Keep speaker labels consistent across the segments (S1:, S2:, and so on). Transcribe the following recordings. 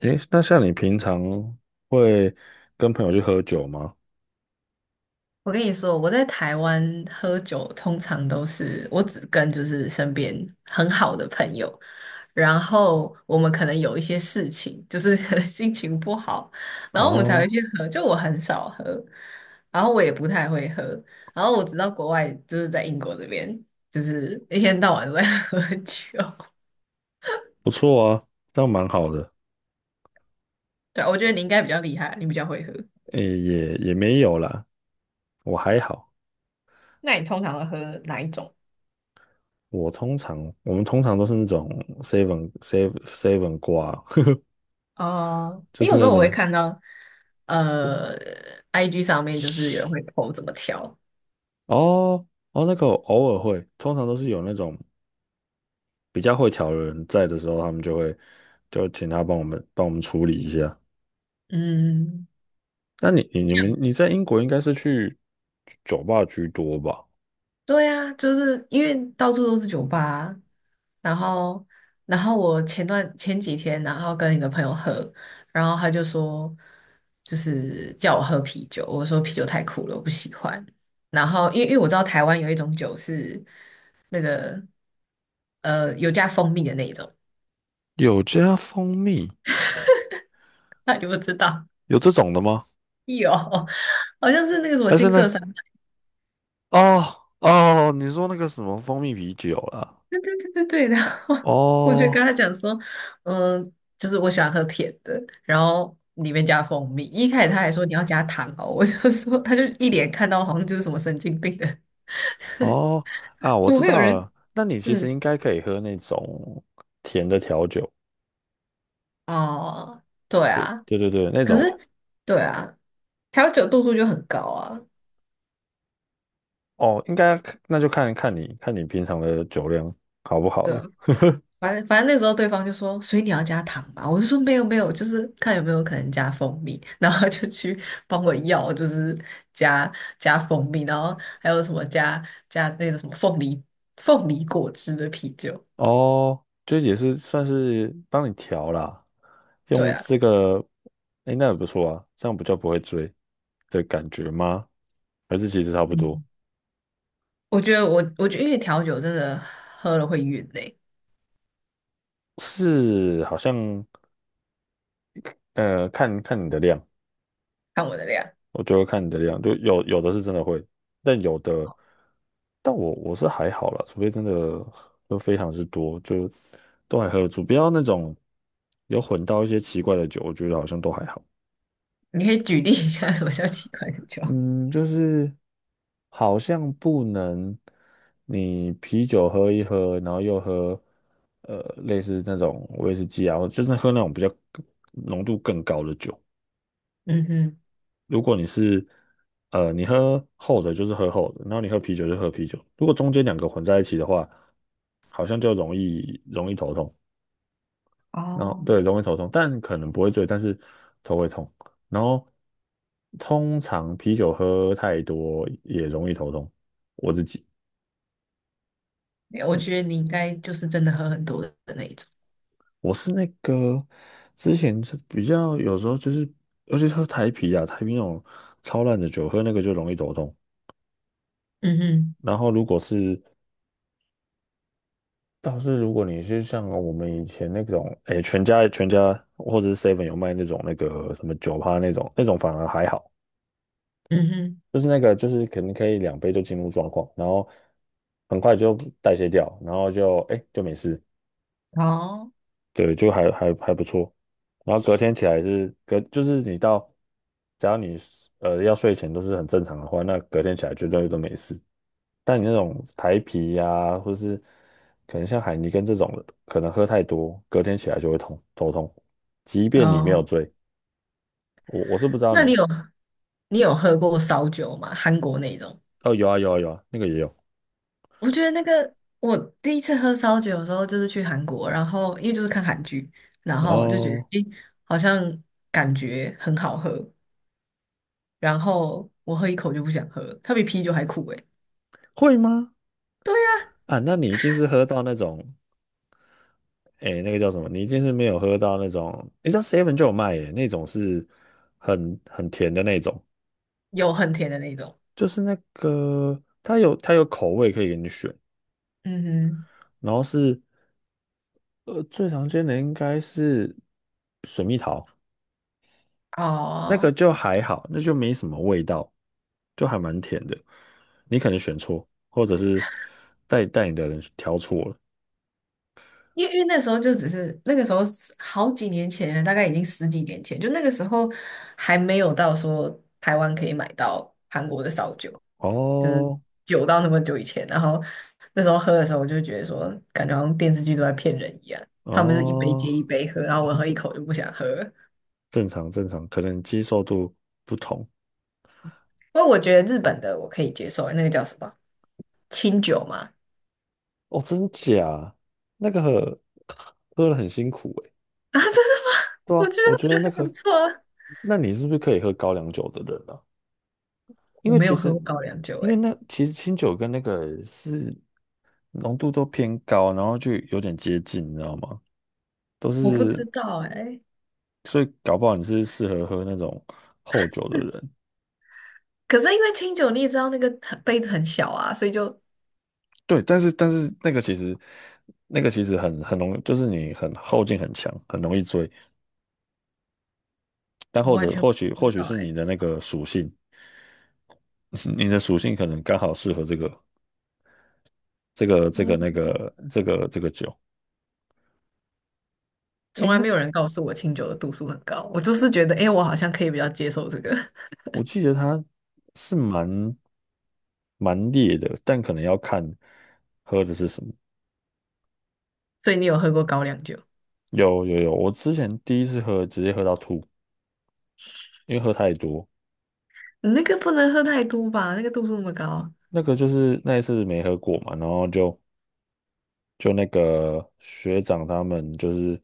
S1: 诶，那像你平常会跟朋友去喝酒吗？
S2: 我跟你说，我在台湾喝酒通常都是我只跟就是身边很好的朋友，然后我们可能有一些事情，就是可能心情不好，然后我们才会
S1: 哦，
S2: 去喝。就我很少喝，然后我也不太会喝，然后我知道国外就是在英国这边，就是一天到晚都在 喝酒。
S1: 不错啊，这样蛮好的。
S2: 对啊，我觉得你应该比较厉害，你比较会喝。
S1: 诶，也没有啦，我还好。
S2: 那你通常会喝哪一种？
S1: 我通常我们通常都是那种 seven seven seven 挂，
S2: 哦、
S1: 就
S2: 因为
S1: 是
S2: 有时
S1: 那
S2: 候我会
S1: 种
S2: 看到。呃，IG 上面就是有人会 po 怎么调。
S1: 哦哦那个偶尔会，通常都是有那种比较会调的人在的时候，他们就会请他帮我们处理一下。
S2: 嗯，
S1: 那你在英国应该是去酒吧居多吧？
S2: 对啊，就是因为到处都是酒吧啊然后，我前几天，然后跟一个朋友喝，然后他就说，就是叫我喝啤酒，我说啤酒太苦了，我不喜欢。然后，因为我知道台湾有一种酒是那个有加蜂蜜的那一种，
S1: 有加蜂蜜。
S2: 那你不知道？
S1: 有这种的吗？
S2: 有，好像是那个什么
S1: 但是
S2: 金
S1: 呢，
S2: 色山。
S1: 哦哦，你说那个什么蜂蜜啤酒啦，
S2: 对对对对，对，然后 我就跟
S1: 哦
S2: 他讲说，嗯，就是我喜欢喝甜的，然后里面加蜂蜜。一开始他还说你要加糖哦，我就说他就一脸看到好像就是什么神经病的，
S1: 哦啊，我
S2: 怎么
S1: 知
S2: 会有
S1: 道
S2: 人？
S1: 了。那你其实
S2: 嗯，
S1: 应该可以喝那种甜的调酒，
S2: 哦，对
S1: 对
S2: 啊，
S1: 对对对，那
S2: 可是
S1: 种
S2: 对啊，调酒度数就很高啊，
S1: 哦，应该那就看你平常的酒量好不好
S2: 对啊，
S1: 了。
S2: 反正那时候对方就说，所以你要加糖吧？我就说没有没有，就是看有没有可能加蜂蜜。然后他就去帮我要，就是加加蜂蜜，然后还有什么加那个什么凤梨果汁的啤酒。
S1: 哦，这也是算是帮你调啦，
S2: 对
S1: 用
S2: 啊，
S1: 这个，哎，那也不错啊，这样比较不会醉的感觉吗？还是其实差不多？
S2: 嗯，我觉得因为调酒真的喝了会晕呢、
S1: 是，好像看看你的量，
S2: 看我的量。
S1: 我觉得看你的量，就有的是真的会，但有的，但我是还好啦，除非真的都非常之多，就都还喝得住，不要那种有混到一些奇怪的酒，我觉得好像都还好。
S2: 你可以举例一下什么叫奇怪的酒？
S1: 嗯，就是好像不能你啤酒喝一喝，然后又喝类似那种威士忌啊，就是喝那种比较浓度更高的酒。
S2: 嗯哼，
S1: 如果你是你喝厚的，就是喝厚的，然后你喝啤酒就喝啤酒。如果中间两个混在一起的话，好像就容易头痛。然后
S2: 哦，
S1: 对，容易头痛，但可能不会醉，但是头会痛。然后通常啤酒喝太多也容易头痛。我自己
S2: 我觉得你应该就是真的喝很多的那一种。
S1: 我是那个之前是比较有时候就是，尤其是喝台啤啊，台啤那种超烂的酒，喝那个就容易头痛。
S2: 嗯哼，
S1: 然后如果是倒是如果你是像我们以前那种，哎，全家或者是 Seven 有卖那种那个什么酒趴那种，那种反而还好，
S2: 嗯
S1: 就是那个就是可能可以2杯就进入状况，然后很快就代谢掉，然后就哎就没事。
S2: 哼，哦。
S1: 对，就还不错。然后隔天起来是隔，就是你到，只要你要睡前都是很正常的话，那隔天起来绝对都没事。但你那种台啤呀、或是可能像海尼根这种的，可能喝太多，隔天起来就会头痛。即便你没有
S2: 哦。
S1: 醉，我是不知道
S2: 那你
S1: 你
S2: 有你有喝过烧酒吗？韩国那种？
S1: 哦，有啊有啊有啊，那个也有
S2: 我觉得那个我第一次喝烧酒的时候就是去韩国，然后因为就是看韩剧，然后就觉得
S1: 哦，
S2: 诶，好像感觉很好喝，然后我喝一口就不想喝了它比啤酒还苦诶，
S1: 会吗？啊，那你一定是喝到那种。哎、那个叫什么？你一定是没有喝到那种，你知道 Seven 就有卖耶，那种是很甜的那种，
S2: 有很甜的那种。
S1: 就是那个它有口味可以给你选，
S2: 嗯
S1: 然后是最常见的应该是
S2: 哼，
S1: 那个
S2: 哦。
S1: 就还好，那就没什么味道，就还蛮甜的。你可能选错，或者是带带你的人挑错了。
S2: 因为那时候就只是那个时候是好几年前了，大概已经10几年前，就那个时候还没有到说台湾可以买到韩国的烧酒，就是
S1: 哦
S2: 久到那么久以前。然后那时候喝的时候，我就觉得说，感觉好像电视剧都在骗人一样，他们是一杯
S1: 哦，
S2: 接一杯喝，然后我喝一口就不想喝了。
S1: 正常正常，可能接受度不同。
S2: 不过我觉得日本的我可以接受，那个叫什么清酒嘛？
S1: 哦，真假？那个喝了很辛苦诶。
S2: 啊，真的吗？
S1: 对
S2: 我
S1: 啊，
S2: 觉得
S1: 我
S2: 我
S1: 觉
S2: 觉
S1: 得那
S2: 得还不
S1: 个，
S2: 错啊。
S1: 那你是不是可以喝高粱酒的人啊？因
S2: 我
S1: 为
S2: 没
S1: 其
S2: 有
S1: 实，
S2: 喝过高粱酒、
S1: 因为
S2: 欸，
S1: 那其实清酒跟那个是浓度都偏高，然后就有点接近，你知道吗？都
S2: 我不
S1: 是，
S2: 知道、哎。
S1: 所以搞不好你是适合喝那种厚酒的人。
S2: 可是因为清酒，你也知道那个很杯子很小啊，所以就
S1: 对，但是那个其实，那个其实很容易，就是你很后劲很强，很容易追。但
S2: 我
S1: 或
S2: 完
S1: 者
S2: 全
S1: 或许
S2: 不
S1: 或
S2: 知
S1: 许
S2: 道
S1: 是你
S2: 哎、
S1: 的那个属性。你的属性可能刚好适合这个这个这个那
S2: 哦，
S1: 个这个这个酒。诶，
S2: 从来
S1: 那
S2: 没有人告诉我清酒的度数很高，我就是觉得哎、我好像可以比较接受这个。
S1: 我记得它是蛮烈的，但可能要看喝的是什么。
S2: 所以你有喝过高粱酒？
S1: 有有有，我之前第一次喝直接喝到吐，因为喝太多。
S2: 你那个不能喝太多吧？那个度数那么高。
S1: 那个就是那一次没喝过嘛，然后就那个学长他们就是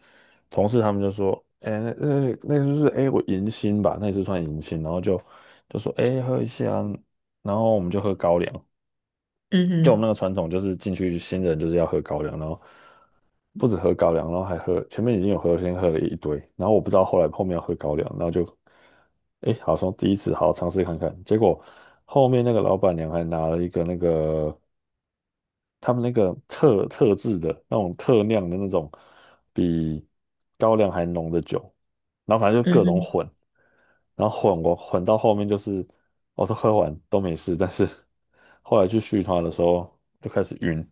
S1: 同事，他们就说，哎、那就是哎、我迎新吧，那次算迎新，然后就说，哎、喝一下，然后我们就喝高粱，
S2: 嗯
S1: 就我们
S2: 哼，
S1: 那个传统就是进去新人就是要喝高粱，然后不止喝高粱，然后还喝前面已经有喝，先喝了一堆，然后我不知道后来后面要喝高粱，然后就，哎、好像第一次好好尝试看看，结果后面那个老板娘还拿了一个那个。他们那个特制的那种特酿的那种比高粱还浓的酒，然后反正就
S2: 嗯
S1: 各种
S2: 哼，
S1: 混，然后我混到后面就是我都喝完都没事，但是后来去续团的时候就开始晕，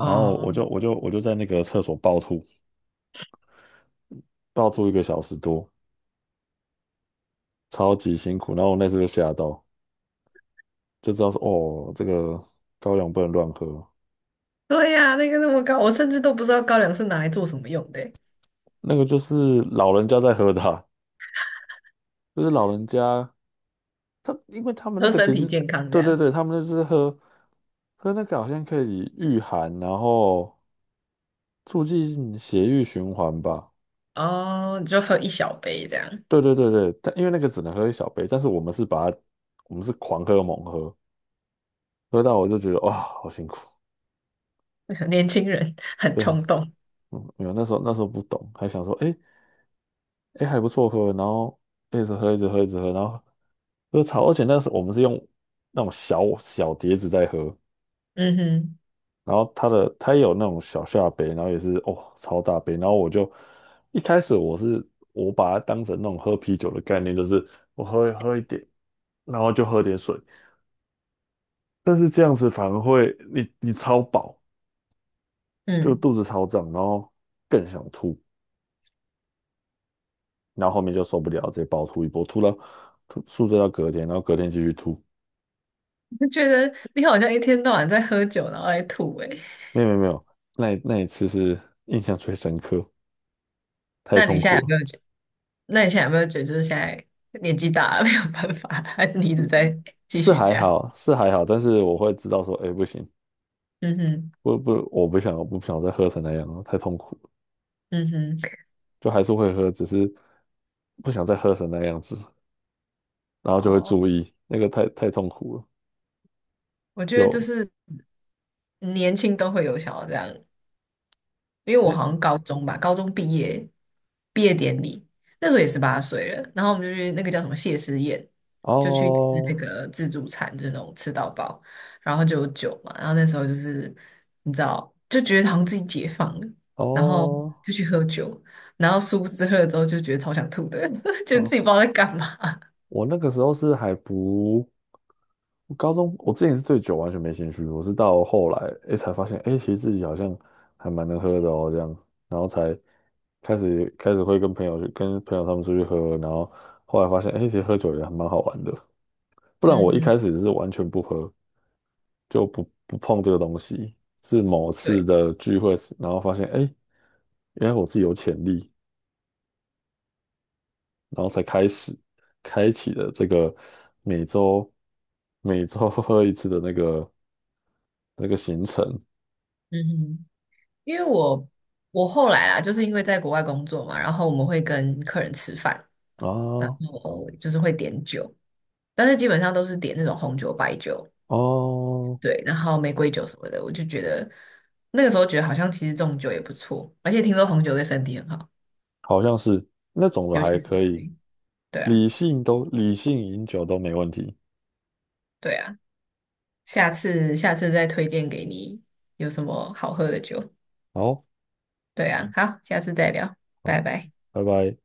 S1: 然后我就我就我就在那个厕所暴吐，暴吐一个小时多，超级辛苦，然后我那次就吓到，就知道说哦，这个高粱不能乱喝，
S2: 对呀、那个那么高，我甚至都不知道高粱是拿来做什么用的欸
S1: 那个就是老人家在喝的啊就是老人家。他因为他们那
S2: 喝
S1: 个
S2: 身
S1: 其
S2: 体
S1: 实，
S2: 健康这
S1: 对对
S2: 样。
S1: 对，他们就是喝那个好像可以御寒，然后促进血液循环吧。
S2: 哦，你就喝一小杯这样，
S1: 对对对对，但因为那个只能喝一小杯，但是我们是把它，我们是狂喝猛喝，喝到我就觉得哇，好辛苦，
S2: 年轻人很
S1: 非常，
S2: 冲动。
S1: 嗯，没有那时候不懂，还想说，哎哎还不错喝，然后一直喝一直喝一直喝，然后喝超，而且那时候我们是用那种小小碟子在喝，
S2: 嗯哼，
S1: 然后他也有那种小下杯，然后也是哦超大杯，然后一开始我把它当成那种喝啤酒的概念，就是我喝喝一点，然后就喝点水，但是这样子反而会你超饱，就
S2: 嗯。
S1: 肚子超胀，然后更想吐，然后后面就受不了，直接暴吐一波，吐到吐宿醉到隔天，然后隔天继续吐，
S2: 就觉得你好像一天到晚在喝酒，然后在吐诶、欸
S1: 没有没有没有，那一次是 印象最深刻，太
S2: 那你
S1: 痛
S2: 现在
S1: 苦
S2: 有
S1: 了。
S2: 没有觉？那你现在有没有觉得就是现在年纪大了 没有办法，还是你一
S1: 是，
S2: 直在继
S1: 是
S2: 续
S1: 还
S2: 这样？
S1: 好，是还好，但是我会知道说，哎、不行，
S2: 嗯哼，
S1: 不不，我不想再喝成那样了，太痛苦了。
S2: 嗯哼，
S1: 就还是会喝，只是不想再喝成那样子，然后就会
S2: 哦，
S1: 注意，那个太痛苦了。
S2: 我觉得就
S1: 有
S2: 是年轻都会有想要这样因为我好
S1: 那
S2: 像高中吧，高中毕业毕业典礼那时候也18岁了，然后我们就去那个叫什么谢师宴，就去吃那
S1: 哦
S2: 个自助餐，就是那种吃到饱，然后就有酒嘛，然后那时候就是你知道，就觉得好像自己解放了，然后
S1: 哦
S2: 就去喝酒，然后殊不知喝了之后就觉得超想吐的，就自
S1: 哦，
S2: 己不知道在干嘛。
S1: 我那个时候是还不我高中，我之前是对酒完全没兴趣，我是到后来哎才发现，哎，其实自己好像还蛮能喝的哦，这样，然后才开始会跟朋友他们出去喝，然后后来发现，哎，其实喝酒也还蛮好玩的。不然
S2: 嗯
S1: 我一开
S2: 哼，
S1: 始是完全不喝，就不碰这个东西。是某次
S2: 对，
S1: 的聚会，然后发现，哎，原来我自己有潜力，然后才开启了这个每周每周 喝一次的那个行程
S2: 嗯哼，因为我后来啊，就是因为在国外工作嘛，然后我们会跟客人吃饭。
S1: 啊
S2: 然后就是会点酒，但是基本上都是点那种红酒、白酒，
S1: 哦，
S2: 对，然后玫瑰酒什么的。我就觉得那个时候觉得好像其实这种酒也不错，而且听说红酒对身体很好，
S1: 好像是那种的
S2: 尤其
S1: 还
S2: 是
S1: 可以，
S2: 对对啊，
S1: 理性饮酒都没问题。
S2: 对啊，下次再推荐给你有什么好喝的酒。
S1: 好，
S2: 对啊，好，下次再聊，拜
S1: 好，
S2: 拜。
S1: 拜拜。